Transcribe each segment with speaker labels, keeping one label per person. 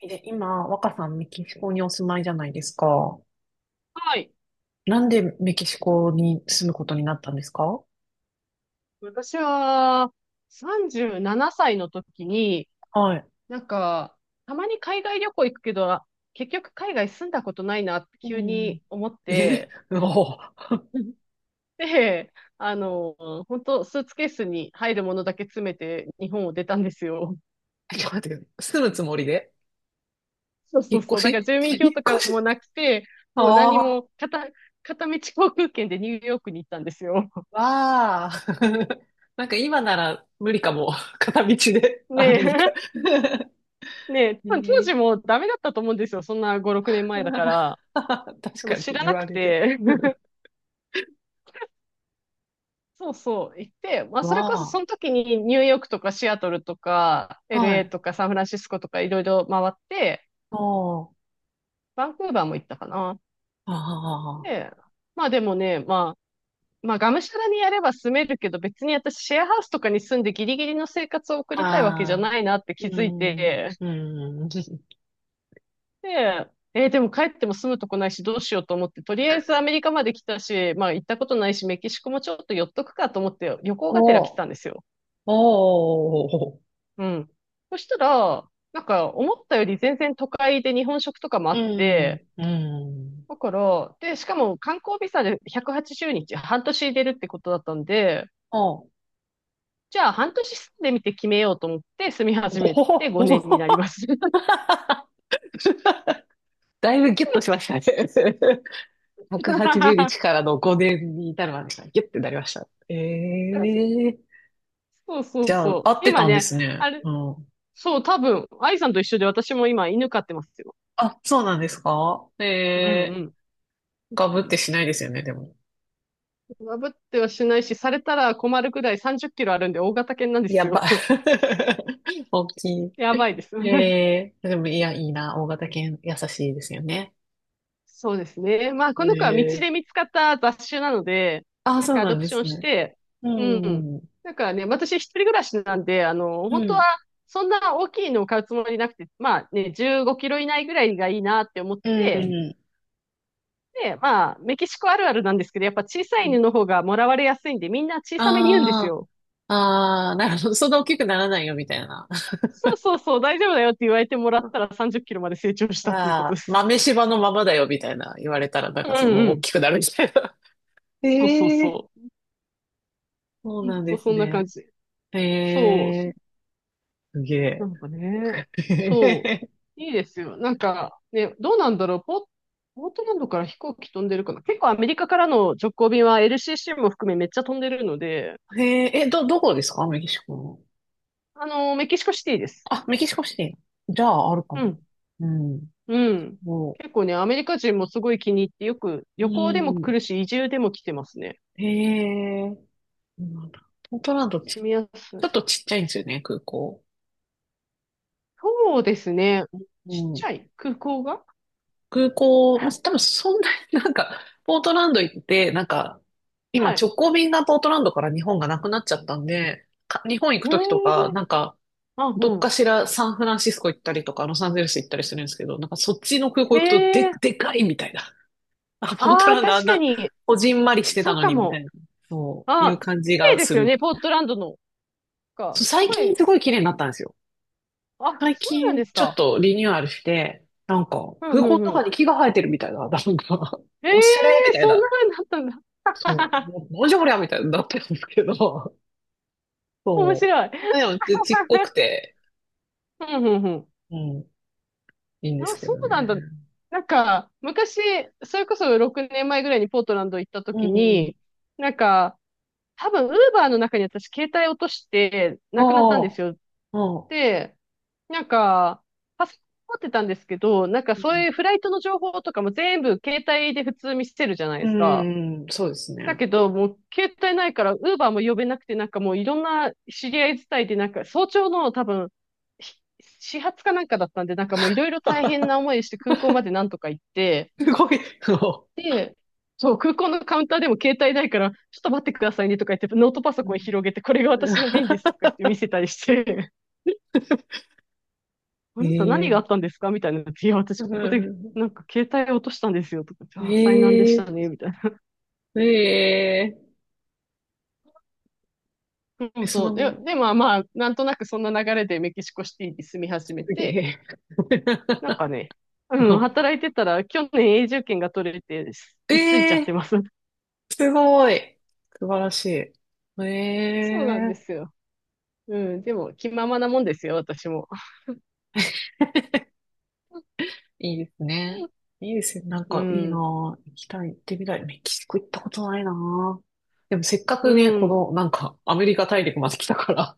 Speaker 1: え、今、若さん、メキシコにお住まいじゃないですか。
Speaker 2: はい。
Speaker 1: なんでメキシコに住むことになったんですか？
Speaker 2: 私は37歳の時に、
Speaker 1: はい。
Speaker 2: なんか、たまに海外旅行行くけど、結局海外住んだことないなって
Speaker 1: う
Speaker 2: 急
Speaker 1: ん。
Speaker 2: に思っ
Speaker 1: え、
Speaker 2: て、
Speaker 1: おー、
Speaker 2: うんで、あの、本当スーツケースに入るものだけ詰めて日本を出たんですよ。
Speaker 1: ちょっと待って、住むつもりで？
Speaker 2: そうそ
Speaker 1: 引
Speaker 2: う
Speaker 1: っ越
Speaker 2: そう。だから
Speaker 1: し
Speaker 2: 住民票
Speaker 1: 引
Speaker 2: と
Speaker 1: っ
Speaker 2: か
Speaker 1: 越
Speaker 2: も
Speaker 1: し
Speaker 2: なくて、もう何
Speaker 1: ああ
Speaker 2: も片道航空券でニューヨークに行ったんですよ。
Speaker 1: ー、わあ。なんか今なら無理かも。片道で、ア
Speaker 2: ねえ、
Speaker 1: メリカ。
Speaker 2: ねえ、
Speaker 1: え
Speaker 2: 多分当
Speaker 1: ー、
Speaker 2: 時もダメだったと思うんですよ。そんな5、6年前だか ら。
Speaker 1: 確
Speaker 2: でも
Speaker 1: か
Speaker 2: 知
Speaker 1: に
Speaker 2: ら
Speaker 1: 言
Speaker 2: なく
Speaker 1: われる。
Speaker 2: て、そうそう、行って、まあそれこそそ
Speaker 1: わ
Speaker 2: の時にニューヨークとかシアトルとか
Speaker 1: あ、は
Speaker 2: LA
Speaker 1: い。
Speaker 2: とかサンフランシスコとかいろいろ回って、
Speaker 1: あ
Speaker 2: バンクーバーも行ったかな。
Speaker 1: あ、ああ、
Speaker 2: で、まあでもね、まあ、まあがむしゃらにやれば住めるけど別に私シェアハウスとかに住んでギリギリの生活を送りたいわけじゃ
Speaker 1: ああ、
Speaker 2: ないなって気
Speaker 1: う
Speaker 2: づい
Speaker 1: ん、
Speaker 2: て、
Speaker 1: うん、
Speaker 2: で、えーでも帰っても住むとこないしどうしようと思って、とりあえずアメリカまで来たし、まあ行ったことないしメキシコもちょっと寄っとくかと思って旅行がてら来
Speaker 1: お
Speaker 2: たんですよ。
Speaker 1: おお、
Speaker 2: うん。そしたら、なんか思ったより全然都会で日本食とかもあ
Speaker 1: う
Speaker 2: っ
Speaker 1: ん、
Speaker 2: て、
Speaker 1: うん、
Speaker 2: だから、で、しかも観光ビザで180日、半年入れるってことだったんで、
Speaker 1: お
Speaker 2: じゃあ半年住んでみて決めようと思って住み始めて
Speaker 1: おお、
Speaker 2: 5年になります。
Speaker 1: だいぶギュッとしましたね。180 日からの5年に至るまでがギュッてなりました。ええ、
Speaker 2: そうそ
Speaker 1: じ
Speaker 2: う
Speaker 1: ゃ
Speaker 2: そ
Speaker 1: あ、合
Speaker 2: う。
Speaker 1: って
Speaker 2: 今
Speaker 1: たんで
Speaker 2: ね、
Speaker 1: すね。
Speaker 2: あれ、
Speaker 1: うん。
Speaker 2: そう、多分、愛さんと一緒で私も今犬飼ってますよ。
Speaker 1: あ、そうなんですか？え
Speaker 2: う
Speaker 1: え、
Speaker 2: ん
Speaker 1: ガブってしないですよね、でも。
Speaker 2: うん。破ってはしないし、されたら困るくらい30キロあるんで大型犬なんで
Speaker 1: や
Speaker 2: す
Speaker 1: ば。
Speaker 2: よ。
Speaker 1: 大きい。
Speaker 2: やばいです。
Speaker 1: ええでも、いや、いいな。大型犬、優しいですよね。
Speaker 2: そうですね。まあ、この子は道
Speaker 1: え
Speaker 2: で見
Speaker 1: え、
Speaker 2: つかった雑種なので、
Speaker 1: あ、
Speaker 2: なん
Speaker 1: そう
Speaker 2: かア
Speaker 1: な
Speaker 2: ド
Speaker 1: ん
Speaker 2: プ
Speaker 1: で
Speaker 2: ショ
Speaker 1: す
Speaker 2: ンし
Speaker 1: ね。
Speaker 2: て、
Speaker 1: う
Speaker 2: うん。
Speaker 1: ん。うん。
Speaker 2: なんかね、私一人暮らしなんで、あの、本当は
Speaker 1: う
Speaker 2: そんな大きいのを買うつもりなくて、まあね、15キロ以内ぐらいがいいなって思って、
Speaker 1: ん。
Speaker 2: で、まあ、メキシコあるあるなんですけど、やっぱ小さ
Speaker 1: う
Speaker 2: い
Speaker 1: ん。
Speaker 2: 犬の方がもらわれやすいんで、みんな小さめに言うんです
Speaker 1: あ
Speaker 2: よ。
Speaker 1: あ、ああ、なるほど。そんな大きくならないよ、みたいな。
Speaker 2: そうそうそう、大丈夫だよって言われてもらったら30キロまで成長したっていうこ
Speaker 1: あ
Speaker 2: と
Speaker 1: あ、
Speaker 2: です。
Speaker 1: 豆柴のままだよ、みたいな言われたら、なん
Speaker 2: う
Speaker 1: かそ
Speaker 2: ん
Speaker 1: の、
Speaker 2: う
Speaker 1: 大
Speaker 2: ん。
Speaker 1: きくなるみたいな。え
Speaker 2: そうそう
Speaker 1: え、
Speaker 2: そう。
Speaker 1: そう
Speaker 2: ほん
Speaker 1: なんで
Speaker 2: と
Speaker 1: す
Speaker 2: そんな
Speaker 1: ね。
Speaker 2: 感じ。
Speaker 1: え
Speaker 2: そう。
Speaker 1: え、すげ
Speaker 2: な
Speaker 1: え。
Speaker 2: んかね、そ う、いいですよ。なんか、ね、どうなんだろう、ポートランドから飛行機飛んでるかな。結構アメリカからの直行便は LCC も含めめっちゃ飛んでるので、
Speaker 1: えええ、ど、どこですかメキシコの？
Speaker 2: あの、メキシコシティです。
Speaker 1: あ、メキシコシティ。じゃあ、あるかも。
Speaker 2: うん、
Speaker 1: うん。
Speaker 2: うん。
Speaker 1: も
Speaker 2: 結構ね、アメリカ人もすごい気に入ってよく
Speaker 1: う、
Speaker 2: 旅行でも
Speaker 1: う
Speaker 2: 来
Speaker 1: ん。
Speaker 2: るし、移住でも来てますね。
Speaker 1: へえ。なんだ、ポートランドち、
Speaker 2: 住
Speaker 1: ち
Speaker 2: みやすい。
Speaker 1: ょっとちっちゃいんですよね、空港。
Speaker 2: そうですね。
Speaker 1: う
Speaker 2: ちっちゃ
Speaker 1: ん。
Speaker 2: い空港が、
Speaker 1: 空港、まあ、多分そんなになんか、ポートランド行って、なんか、今
Speaker 2: はい。
Speaker 1: 直行便がポートランドから日本がなくなっちゃったんで、か日本行く
Speaker 2: へ
Speaker 1: ときとか、
Speaker 2: え。
Speaker 1: なんか、
Speaker 2: あ、
Speaker 1: ど
Speaker 2: う
Speaker 1: っか
Speaker 2: ん。
Speaker 1: しらサンフランシスコ行ったりとか、ロサンゼルス行ったりするんですけど、なんかそっちの空港
Speaker 2: へ
Speaker 1: 行くとで、
Speaker 2: え。
Speaker 1: でかいみたいな。あ、ポート
Speaker 2: ああ、
Speaker 1: ランドあ
Speaker 2: 確
Speaker 1: ん
Speaker 2: か
Speaker 1: な、
Speaker 2: に。
Speaker 1: こじんまりしてた
Speaker 2: そう
Speaker 1: の
Speaker 2: か
Speaker 1: にみたい
Speaker 2: も。
Speaker 1: な、そういう
Speaker 2: あ、
Speaker 1: 感じ
Speaker 2: 綺麗
Speaker 1: が
Speaker 2: で
Speaker 1: す
Speaker 2: すよ
Speaker 1: る。
Speaker 2: ね、ポートランドの。
Speaker 1: そう、
Speaker 2: か、す
Speaker 1: 最
Speaker 2: ご
Speaker 1: 近
Speaker 2: い、
Speaker 1: すごい綺麗になったんですよ。
Speaker 2: あ、
Speaker 1: 最
Speaker 2: そうなん
Speaker 1: 近
Speaker 2: です
Speaker 1: ちょっ
Speaker 2: か。
Speaker 1: とリニューアルして、なんか、
Speaker 2: うん、
Speaker 1: 空
Speaker 2: う
Speaker 1: 港の
Speaker 2: ん、う
Speaker 1: 中に
Speaker 2: ん。
Speaker 1: 木が生えてるみたいな、なんか、
Speaker 2: え え
Speaker 1: おしゃれみ
Speaker 2: ー
Speaker 1: たい
Speaker 2: そんな
Speaker 1: な。
Speaker 2: 風になったんだ。
Speaker 1: そう。な、なんじゃこりゃみたいになってるんですけど。
Speaker 2: 面
Speaker 1: そ
Speaker 2: 白い。
Speaker 1: う。でも、ちっこく て、
Speaker 2: うん、うん、うん。
Speaker 1: うん、いいんで
Speaker 2: あ、
Speaker 1: すけ
Speaker 2: そ
Speaker 1: ど
Speaker 2: うなん
Speaker 1: ね。
Speaker 2: だ。なんか、昔、それこそ6年前ぐらいにポートランド行った
Speaker 1: う
Speaker 2: 時
Speaker 1: ん。うん。
Speaker 2: に、なんか、多分、ウーバーの中に私、携帯落として、なくなったんです
Speaker 1: あ
Speaker 2: よ。
Speaker 1: あ、ああ。
Speaker 2: で、なんか、パソコン持ってたんですけど、なんか
Speaker 1: うん、
Speaker 2: そういうフライトの情報とかも全部携帯で普通見せるじゃない
Speaker 1: う
Speaker 2: ですか。
Speaker 1: ん、うん、そうです
Speaker 2: だ
Speaker 1: ね。
Speaker 2: けど、もう携帯ないから、ウーバーも呼べなくて、なんかもういろんな知り合い伝いで、なんか早朝の多分、し始発かなんかだったんで、なんかもういろいろ大変な 思いして空港までなんとか行って、
Speaker 1: すごい。そ
Speaker 2: で、そう、空港のカウンターでも携帯ないから、ちょっと待ってくださいねとか言って、ノートパソ
Speaker 1: う。う
Speaker 2: コン
Speaker 1: ん。
Speaker 2: 広げて、これが私の 便ですとか言って見せたりして。あなた何があっ
Speaker 1: ええ
Speaker 2: たんですかみたいな。いや、私ここで、なんか携帯落としたんですよ。とか、あ、災難でした
Speaker 1: え
Speaker 2: ね。みたいな。
Speaker 1: えええ
Speaker 2: う
Speaker 1: え、
Speaker 2: ん、
Speaker 1: そ
Speaker 2: そう。で、
Speaker 1: の、
Speaker 2: で、まあまあ、なんとなくそんな流れでメキシコシティに住み始
Speaker 1: す
Speaker 2: め
Speaker 1: げ
Speaker 2: て、
Speaker 1: え。
Speaker 2: な んかね、うん、
Speaker 1: あ、
Speaker 2: 働いてたら去年永住権が取れて、
Speaker 1: え
Speaker 2: いついちゃって
Speaker 1: え
Speaker 2: ます。
Speaker 1: ー、すごい。素晴らしい。え
Speaker 2: そうなん
Speaker 1: え
Speaker 2: で
Speaker 1: ー、
Speaker 2: すよ。うん、でも気ままなもんですよ、私も。
Speaker 1: いいですね。いいですね。なん
Speaker 2: う
Speaker 1: かいいなぁ。
Speaker 2: ん、
Speaker 1: 行きたい、行ってみたい。メキシコ行ったことないなぁ。でもせっか
Speaker 2: う
Speaker 1: くね、こ
Speaker 2: ん、
Speaker 1: の、なんか、アメリカ大陸まで来たから、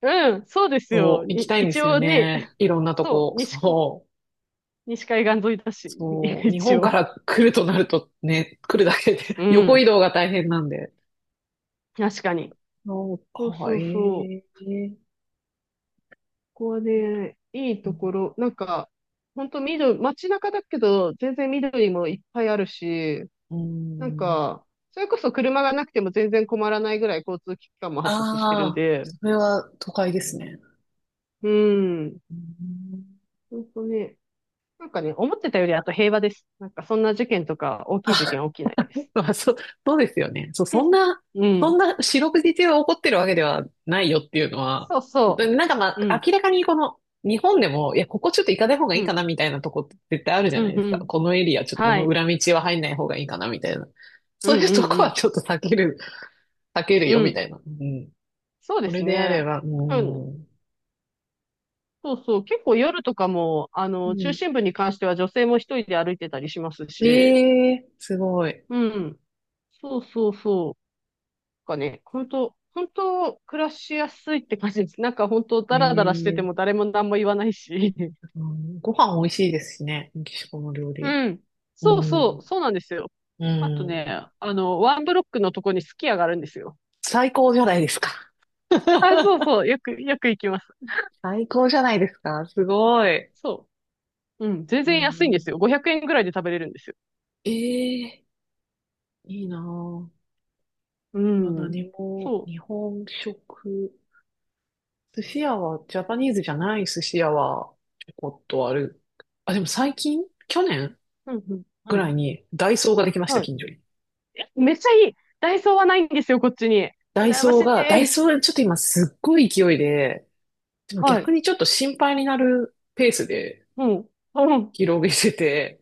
Speaker 2: うん、そうですよ。
Speaker 1: そう、行き
Speaker 2: に
Speaker 1: たいんで
Speaker 2: 一
Speaker 1: すよ
Speaker 2: 応ね、
Speaker 1: ね。いろんなと
Speaker 2: そ
Speaker 1: こ。
Speaker 2: う、西、
Speaker 1: そう、
Speaker 2: 西海岸沿いだし、
Speaker 1: そう、日
Speaker 2: 一
Speaker 1: 本か
Speaker 2: 応。
Speaker 1: ら来るとなるとね、来るだけで
Speaker 2: う
Speaker 1: 横移
Speaker 2: ん、
Speaker 1: 動が大変なんで。
Speaker 2: 確かに。
Speaker 1: そう
Speaker 2: そう
Speaker 1: か、
Speaker 2: そ
Speaker 1: え
Speaker 2: うそう。こ
Speaker 1: えー。
Speaker 2: こはね、いいところ、なんか、ほんと緑、街中だけど、全然緑もいっぱいあるし、
Speaker 1: う
Speaker 2: なん
Speaker 1: ん。
Speaker 2: か、それこそ車がなくても全然困らないぐらい交通機関も発達してる
Speaker 1: あ
Speaker 2: ん
Speaker 1: あ、
Speaker 2: で、
Speaker 1: それは都会ですね。
Speaker 2: うん。
Speaker 1: うん。
Speaker 2: ほんとね、なんかね、思ってたよりあと平和です。なんかそんな事件とか、大きい事
Speaker 1: あ、
Speaker 2: 件起きないで す。
Speaker 1: まあ、そう、そうですよね。そう、そん な、
Speaker 2: う
Speaker 1: そん
Speaker 2: ん。
Speaker 1: な四六時中起こってるわけではないよっていうのは、
Speaker 2: そう
Speaker 1: だ
Speaker 2: そ
Speaker 1: なんかま
Speaker 2: う。う
Speaker 1: あ、
Speaker 2: ん。
Speaker 1: 明らかにこの、日本でも、いや、ここちょっと行かない方がい
Speaker 2: う
Speaker 1: いかな
Speaker 2: ん。
Speaker 1: みたいなとこって絶対あるじゃ
Speaker 2: う
Speaker 1: ない
Speaker 2: ん。
Speaker 1: で
Speaker 2: う
Speaker 1: すか。
Speaker 2: ん。
Speaker 1: このエリア、ちょっとこ
Speaker 2: は
Speaker 1: の
Speaker 2: い。
Speaker 1: 裏道は入んない方がいいかなみたいな。
Speaker 2: う
Speaker 1: そうい
Speaker 2: ん
Speaker 1: うとこ
Speaker 2: う
Speaker 1: は
Speaker 2: ん
Speaker 1: ちょっと避ける、避ける
Speaker 2: うん。
Speaker 1: よ
Speaker 2: う
Speaker 1: みた
Speaker 2: ん。
Speaker 1: いな。うん。
Speaker 2: そう
Speaker 1: そ
Speaker 2: です
Speaker 1: れであれ
Speaker 2: ね。
Speaker 1: ば、う
Speaker 2: うん。
Speaker 1: ん。
Speaker 2: そうそう、結構夜とかも、あ
Speaker 1: う
Speaker 2: の、中
Speaker 1: ん。
Speaker 2: 心部に関しては女性も一人で歩いてたりしますし、
Speaker 1: ええ、すごい。
Speaker 2: うん。そうそうそう。なんかね、本当本当暮らしやすいって感じです。なんか本当ダラダラしてて
Speaker 1: ええ、
Speaker 2: も誰も何も言わないし。
Speaker 1: うん、ご飯美味しいですしね、メキシコの料理。
Speaker 2: うん。
Speaker 1: う
Speaker 2: そうそう、
Speaker 1: ん、
Speaker 2: そうなんですよ。
Speaker 1: う
Speaker 2: あと
Speaker 1: ん。
Speaker 2: ね、あの、ワンブロックのとこにすき家があるんですよ。
Speaker 1: 最高じゃないですか。
Speaker 2: あ、そう そう、よく行きます。
Speaker 1: 最高じゃないですか。すごい。え
Speaker 2: そう。うん、全然安いん
Speaker 1: ー、
Speaker 2: ですよ。500円ぐらいで食べれるんですよ。
Speaker 1: えー、いいなぁ。
Speaker 2: う
Speaker 1: まあ、
Speaker 2: ん。
Speaker 1: 何も、
Speaker 2: そ
Speaker 1: 日本食。寿司屋は、ジャパニーズじゃない寿司屋は、ちょこっとある。あ、でも最近、去年
Speaker 2: う。うん、うん、う
Speaker 1: ぐらい
Speaker 2: ん。
Speaker 1: に、ダイソーができました、
Speaker 2: はい。
Speaker 1: 近所に。
Speaker 2: めっちゃいい。ダイソーはないんですよ、こっちに。
Speaker 1: ダイ
Speaker 2: 羨ま
Speaker 1: ソ
Speaker 2: し
Speaker 1: ー
Speaker 2: い。
Speaker 1: が、ダイソーちょっと今すっごい勢いで、でも
Speaker 2: は
Speaker 1: 逆
Speaker 2: い。
Speaker 1: にちょっと心配になるペースで、
Speaker 2: うん。うん。
Speaker 1: 広げてて、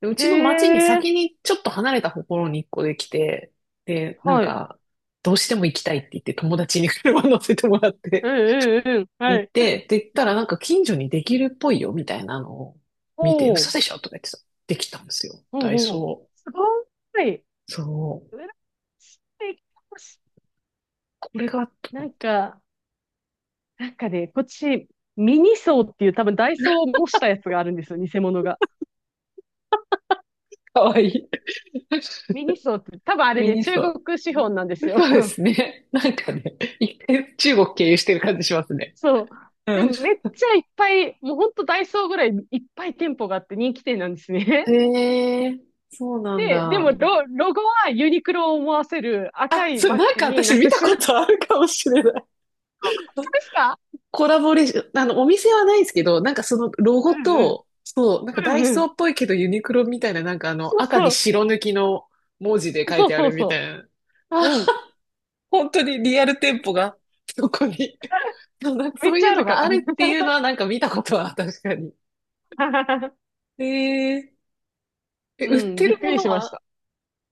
Speaker 1: で、う
Speaker 2: へ
Speaker 1: ちの町に
Speaker 2: え。
Speaker 1: 先にちょっと離れたところに一個できて、で、なん
Speaker 2: はい。
Speaker 1: か、どうしても行きたいって言って友達に車乗せてもらっ
Speaker 2: う
Speaker 1: て
Speaker 2: んうんうん。は
Speaker 1: 行っ
Speaker 2: い。
Speaker 1: て、で、言ったらなんか近所にできるっぽいよみたいなのを
Speaker 2: お
Speaker 1: 見て、嘘
Speaker 2: お。
Speaker 1: でしょとか言ってさ、できたんですよ。
Speaker 2: う
Speaker 1: ダイ
Speaker 2: んうん。
Speaker 1: ソー。
Speaker 2: すごい。
Speaker 1: そう。
Speaker 2: 羨ましい。
Speaker 1: これが、
Speaker 2: なんか、なんかね、こっち、ミニソーっていう多分ダイソーを模したやつがあるんですよ、偽物が。
Speaker 1: かわいい。
Speaker 2: ミニ ソーって、多分あれ
Speaker 1: ミ
Speaker 2: ね、
Speaker 1: ニ
Speaker 2: 中
Speaker 1: ソ
Speaker 2: 国資本なんです
Speaker 1: ー。
Speaker 2: よ。
Speaker 1: そうで すね。なんかね、一回中国経由してる感じしますね。
Speaker 2: そう。で
Speaker 1: うん。
Speaker 2: もめっちゃいっぱい、もうほんとダイソーぐらいいっぱい店舗があって人気店なんですね。
Speaker 1: へえ、そうなん
Speaker 2: で、で
Speaker 1: だ。
Speaker 2: もロゴはユニクロを思わせる赤
Speaker 1: あ、
Speaker 2: い
Speaker 1: それ
Speaker 2: バッ
Speaker 1: なん
Speaker 2: グ
Speaker 1: か
Speaker 2: に
Speaker 1: 私
Speaker 2: なん
Speaker 1: 見
Speaker 2: か
Speaker 1: た
Speaker 2: 白い、
Speaker 1: こ
Speaker 2: あ、そう
Speaker 1: とあるかもしれない。
Speaker 2: ですか。
Speaker 1: コラボレーション、あの、お店はないですけど、なんかそのロゴ
Speaker 2: うんうん。
Speaker 1: と、そう、なんか
Speaker 2: う
Speaker 1: ダ
Speaker 2: ん
Speaker 1: イ
Speaker 2: う
Speaker 1: ソー
Speaker 2: ん。
Speaker 1: っぽいけどユニクロみたいな、なんかあの、
Speaker 2: そう
Speaker 1: 赤に
Speaker 2: そう。
Speaker 1: 白抜きの文字で書い
Speaker 2: そう
Speaker 1: てあ
Speaker 2: そう
Speaker 1: るみた
Speaker 2: そ
Speaker 1: いな。
Speaker 2: う。
Speaker 1: あ、
Speaker 2: うん。
Speaker 1: 本当にリアル店舗が、そこに。でもなんか
Speaker 2: め
Speaker 1: そ
Speaker 2: っ
Speaker 1: う
Speaker 2: ち
Speaker 1: い
Speaker 2: ゃ
Speaker 1: う
Speaker 2: あ
Speaker 1: の
Speaker 2: るか
Speaker 1: があ
Speaker 2: ら。
Speaker 1: るっていうのはなんか見たことは確かに。えー、え、
Speaker 2: う
Speaker 1: 売っ
Speaker 2: ん、
Speaker 1: て
Speaker 2: びっ
Speaker 1: る
Speaker 2: く
Speaker 1: も
Speaker 2: り
Speaker 1: の
Speaker 2: しまし
Speaker 1: は
Speaker 2: た。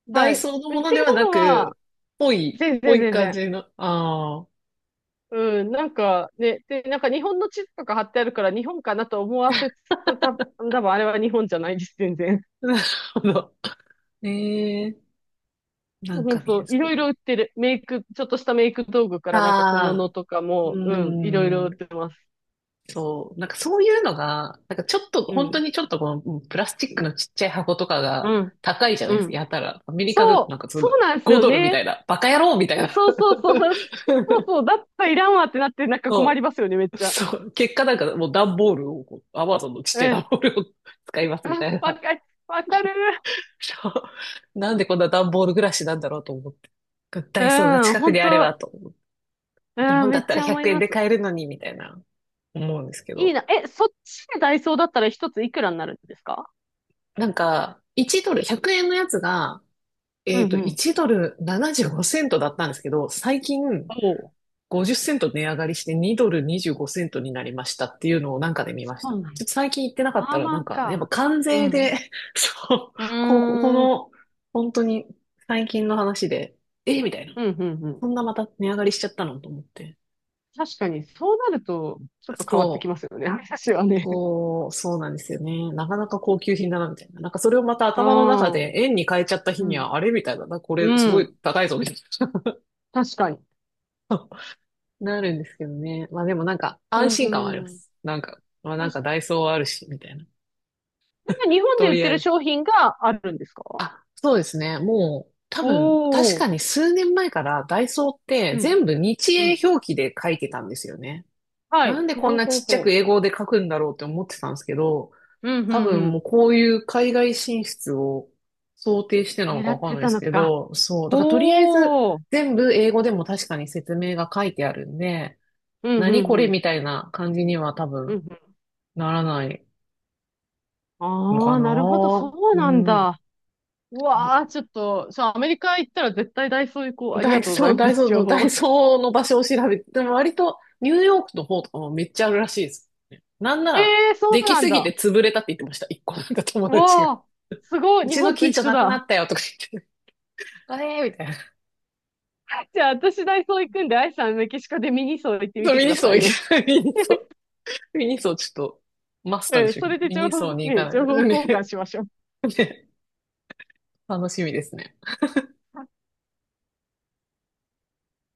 Speaker 1: ダ
Speaker 2: は
Speaker 1: イ
Speaker 2: い。
Speaker 1: ソーの
Speaker 2: 売っ
Speaker 1: もの
Speaker 2: て
Speaker 1: で
Speaker 2: る
Speaker 1: は
Speaker 2: も
Speaker 1: な
Speaker 2: のは、
Speaker 1: く、ぽい、
Speaker 2: 全
Speaker 1: ぽ
Speaker 2: 然
Speaker 1: い
Speaker 2: 全
Speaker 1: 感
Speaker 2: 然。
Speaker 1: じの。ああ、
Speaker 2: うん、なんかね、で、なんか日本の地図とか貼ってあるから日本かなと思わせつつ、多分あれは日本じゃないです、全然。
Speaker 1: なるほど。えー、なん
Speaker 2: そ
Speaker 1: か
Speaker 2: うそ
Speaker 1: ね、
Speaker 2: う、い
Speaker 1: そう、
Speaker 2: ろいろ売ってる。メイク、ちょっとしたメイク道具からなんか小
Speaker 1: ああ、
Speaker 2: 物とか
Speaker 1: う
Speaker 2: も、うん、いろいろ
Speaker 1: ーん、
Speaker 2: 売ってます。
Speaker 1: そう、なんかそういうのが、なんかちょっと、
Speaker 2: う
Speaker 1: 本当
Speaker 2: ん、
Speaker 1: にちょっとこのうん、プラスチックのちっちゃい箱とかが
Speaker 2: うん、
Speaker 1: 高いじゃな
Speaker 2: う
Speaker 1: いですか、や
Speaker 2: ん。
Speaker 1: たら。アメリカだとな
Speaker 2: そ
Speaker 1: ん
Speaker 2: う、
Speaker 1: かそん
Speaker 2: そ
Speaker 1: な
Speaker 2: うなんです
Speaker 1: 5
Speaker 2: よ
Speaker 1: ドルみ
Speaker 2: ね。
Speaker 1: たいな、バカ野郎みたいな。
Speaker 2: そうそうそう、そうそう、だったらいらんわってなってなんか困り
Speaker 1: そ
Speaker 2: ますよね、めっ
Speaker 1: う。
Speaker 2: ちゃ。
Speaker 1: そう。結果なんかもう段ボールをこう、アマゾンのちっちゃい
Speaker 2: う
Speaker 1: 段
Speaker 2: ん。
Speaker 1: ボールを 使います
Speaker 2: あ、
Speaker 1: みたい
Speaker 2: わ
Speaker 1: な。
Speaker 2: かる、わかる。
Speaker 1: そう。なんでこんな段ボール暮らしなんだろうと思って。ダ
Speaker 2: う
Speaker 1: イソーが
Speaker 2: ん、
Speaker 1: 近く
Speaker 2: 本
Speaker 1: にあれ
Speaker 2: 当、
Speaker 1: ばと。日
Speaker 2: うん、
Speaker 1: 本だ
Speaker 2: め
Speaker 1: っ
Speaker 2: っ
Speaker 1: た
Speaker 2: ち
Speaker 1: ら
Speaker 2: ゃ思
Speaker 1: 100
Speaker 2: い
Speaker 1: 円
Speaker 2: ま
Speaker 1: で
Speaker 2: す。
Speaker 1: 買えるのに、みたいな、思うんですけ
Speaker 2: いい
Speaker 1: ど。
Speaker 2: な。え、そっちでダイソーだったら一ついくらになるんですか。
Speaker 1: なんか、1ドル、100円のやつが、
Speaker 2: う
Speaker 1: えっ
Speaker 2: ん
Speaker 1: と、
Speaker 2: うん。
Speaker 1: 1ドル75セントだったんですけど、最近
Speaker 2: おお。
Speaker 1: 50セント値上がりして2ドル25セントになりましたっていうのをなんかで見ました。
Speaker 2: そうなの。
Speaker 1: ちょっと最近行ってなかっ
Speaker 2: ま
Speaker 1: た
Speaker 2: あ
Speaker 1: ら、な
Speaker 2: ま
Speaker 1: ん
Speaker 2: あ
Speaker 1: か、やっぱ
Speaker 2: か。
Speaker 1: 関
Speaker 2: う
Speaker 1: 税
Speaker 2: ん。
Speaker 1: で、そう、
Speaker 2: う
Speaker 1: こ、こ
Speaker 2: ーん。
Speaker 1: の、本当に最近の話で、えーみたいな。
Speaker 2: うん、うん、うん。
Speaker 1: そんなまた値上がりしちゃったのと思って。
Speaker 2: 確かに、そうなると、ちょっと
Speaker 1: そ
Speaker 2: 変わってき
Speaker 1: う、
Speaker 2: ますよね、話はね。
Speaker 1: こう、そうなんですよね。なかなか高級品だな、みたいな。なんかそれをまた
Speaker 2: あ
Speaker 1: 頭の中
Speaker 2: あ、
Speaker 1: で円に変えちゃった日
Speaker 2: う
Speaker 1: に
Speaker 2: ん。
Speaker 1: は、あれみたいな、な、これす
Speaker 2: う
Speaker 1: ごい
Speaker 2: ん。
Speaker 1: 高いぞ、みたいな。
Speaker 2: 確かに。
Speaker 1: なるんですけどね。まあでもなんか
Speaker 2: う
Speaker 1: 安心感はありま
Speaker 2: ん。
Speaker 1: す。なんか、まあなん
Speaker 2: 確
Speaker 1: か
Speaker 2: かに。
Speaker 1: ダイソーあるし、みたいな。
Speaker 2: それが日本で
Speaker 1: と
Speaker 2: 売っ
Speaker 1: り
Speaker 2: て
Speaker 1: あ
Speaker 2: る
Speaker 1: えず。
Speaker 2: 商品があるんですか。
Speaker 1: あ、そうですね。もう、多分、確
Speaker 2: おおー。
Speaker 1: かに数年前からダイソーって
Speaker 2: うん。
Speaker 1: 全部日
Speaker 2: う
Speaker 1: 英
Speaker 2: ん。
Speaker 1: 表記で書いてたんですよね。
Speaker 2: は
Speaker 1: な
Speaker 2: い。
Speaker 1: んでこ
Speaker 2: ほ
Speaker 1: ん
Speaker 2: う
Speaker 1: な
Speaker 2: ほう
Speaker 1: ちっちゃ
Speaker 2: ほ
Speaker 1: く英語で書くんだろうって思ってたんですけど、
Speaker 2: う。うん、う
Speaker 1: 多
Speaker 2: ん、う
Speaker 1: 分も
Speaker 2: ん。
Speaker 1: うこういう海外進出を想定してなのか
Speaker 2: 狙っ
Speaker 1: わかん
Speaker 2: て
Speaker 1: ないで
Speaker 2: た
Speaker 1: す
Speaker 2: の
Speaker 1: け
Speaker 2: か。
Speaker 1: ど、そう。だからとりあえず
Speaker 2: おお。
Speaker 1: 全部英語でも確かに説明が書いてあるんで、
Speaker 2: うん、う
Speaker 1: 何
Speaker 2: ん、
Speaker 1: こ
Speaker 2: う
Speaker 1: れ
Speaker 2: ん。
Speaker 1: みたいな感じには多
Speaker 2: うん、う
Speaker 1: 分
Speaker 2: ん。
Speaker 1: ならないの
Speaker 2: あ
Speaker 1: か
Speaker 2: あ、なるほど。
Speaker 1: な。
Speaker 2: そうな
Speaker 1: う
Speaker 2: ん
Speaker 1: ん。
Speaker 2: だ。うわあ、ちょっと、そう、アメリカ行ったら絶対ダイソー行こう。あり
Speaker 1: ダ
Speaker 2: が
Speaker 1: イ
Speaker 2: とうござ
Speaker 1: ソー、
Speaker 2: いま
Speaker 1: ダイ
Speaker 2: す、
Speaker 1: ソー
Speaker 2: 情
Speaker 1: の、ダイ
Speaker 2: 報。
Speaker 1: ソーの場所を調べて、でも割とニューヨークの方とかもめっちゃあるらしいです。なんな
Speaker 2: え
Speaker 1: ら、
Speaker 2: えー、そう
Speaker 1: でき
Speaker 2: なん
Speaker 1: すぎ
Speaker 2: だ。
Speaker 1: て潰れたって言ってました。一個なんか友達が。
Speaker 2: わあ、す ごい、
Speaker 1: う
Speaker 2: 日
Speaker 1: ちの
Speaker 2: 本と
Speaker 1: 近
Speaker 2: 一
Speaker 1: 所
Speaker 2: 緒
Speaker 1: なくな
Speaker 2: だ。
Speaker 1: ったよとか言って、あれみたいな。
Speaker 2: じゃあ、私ダイソー行くんで、アイさんメキシコでミニソー行ってみ
Speaker 1: そう
Speaker 2: て
Speaker 1: ミ
Speaker 2: く
Speaker 1: ニ
Speaker 2: だ
Speaker 1: ソ
Speaker 2: さ
Speaker 1: ー
Speaker 2: い
Speaker 1: 行
Speaker 2: ね。
Speaker 1: く。ミニソー。ミニソーちょっとマストに
Speaker 2: う
Speaker 1: し
Speaker 2: ん、
Speaker 1: て
Speaker 2: そ
Speaker 1: くれ
Speaker 2: れで
Speaker 1: ミ
Speaker 2: 情
Speaker 1: ニ
Speaker 2: 報、
Speaker 1: ソーに行か
Speaker 2: ね、
Speaker 1: ない
Speaker 2: 情報
Speaker 1: よ
Speaker 2: 交
Speaker 1: ね。
Speaker 2: 換しましょう。
Speaker 1: ね。楽しみですね。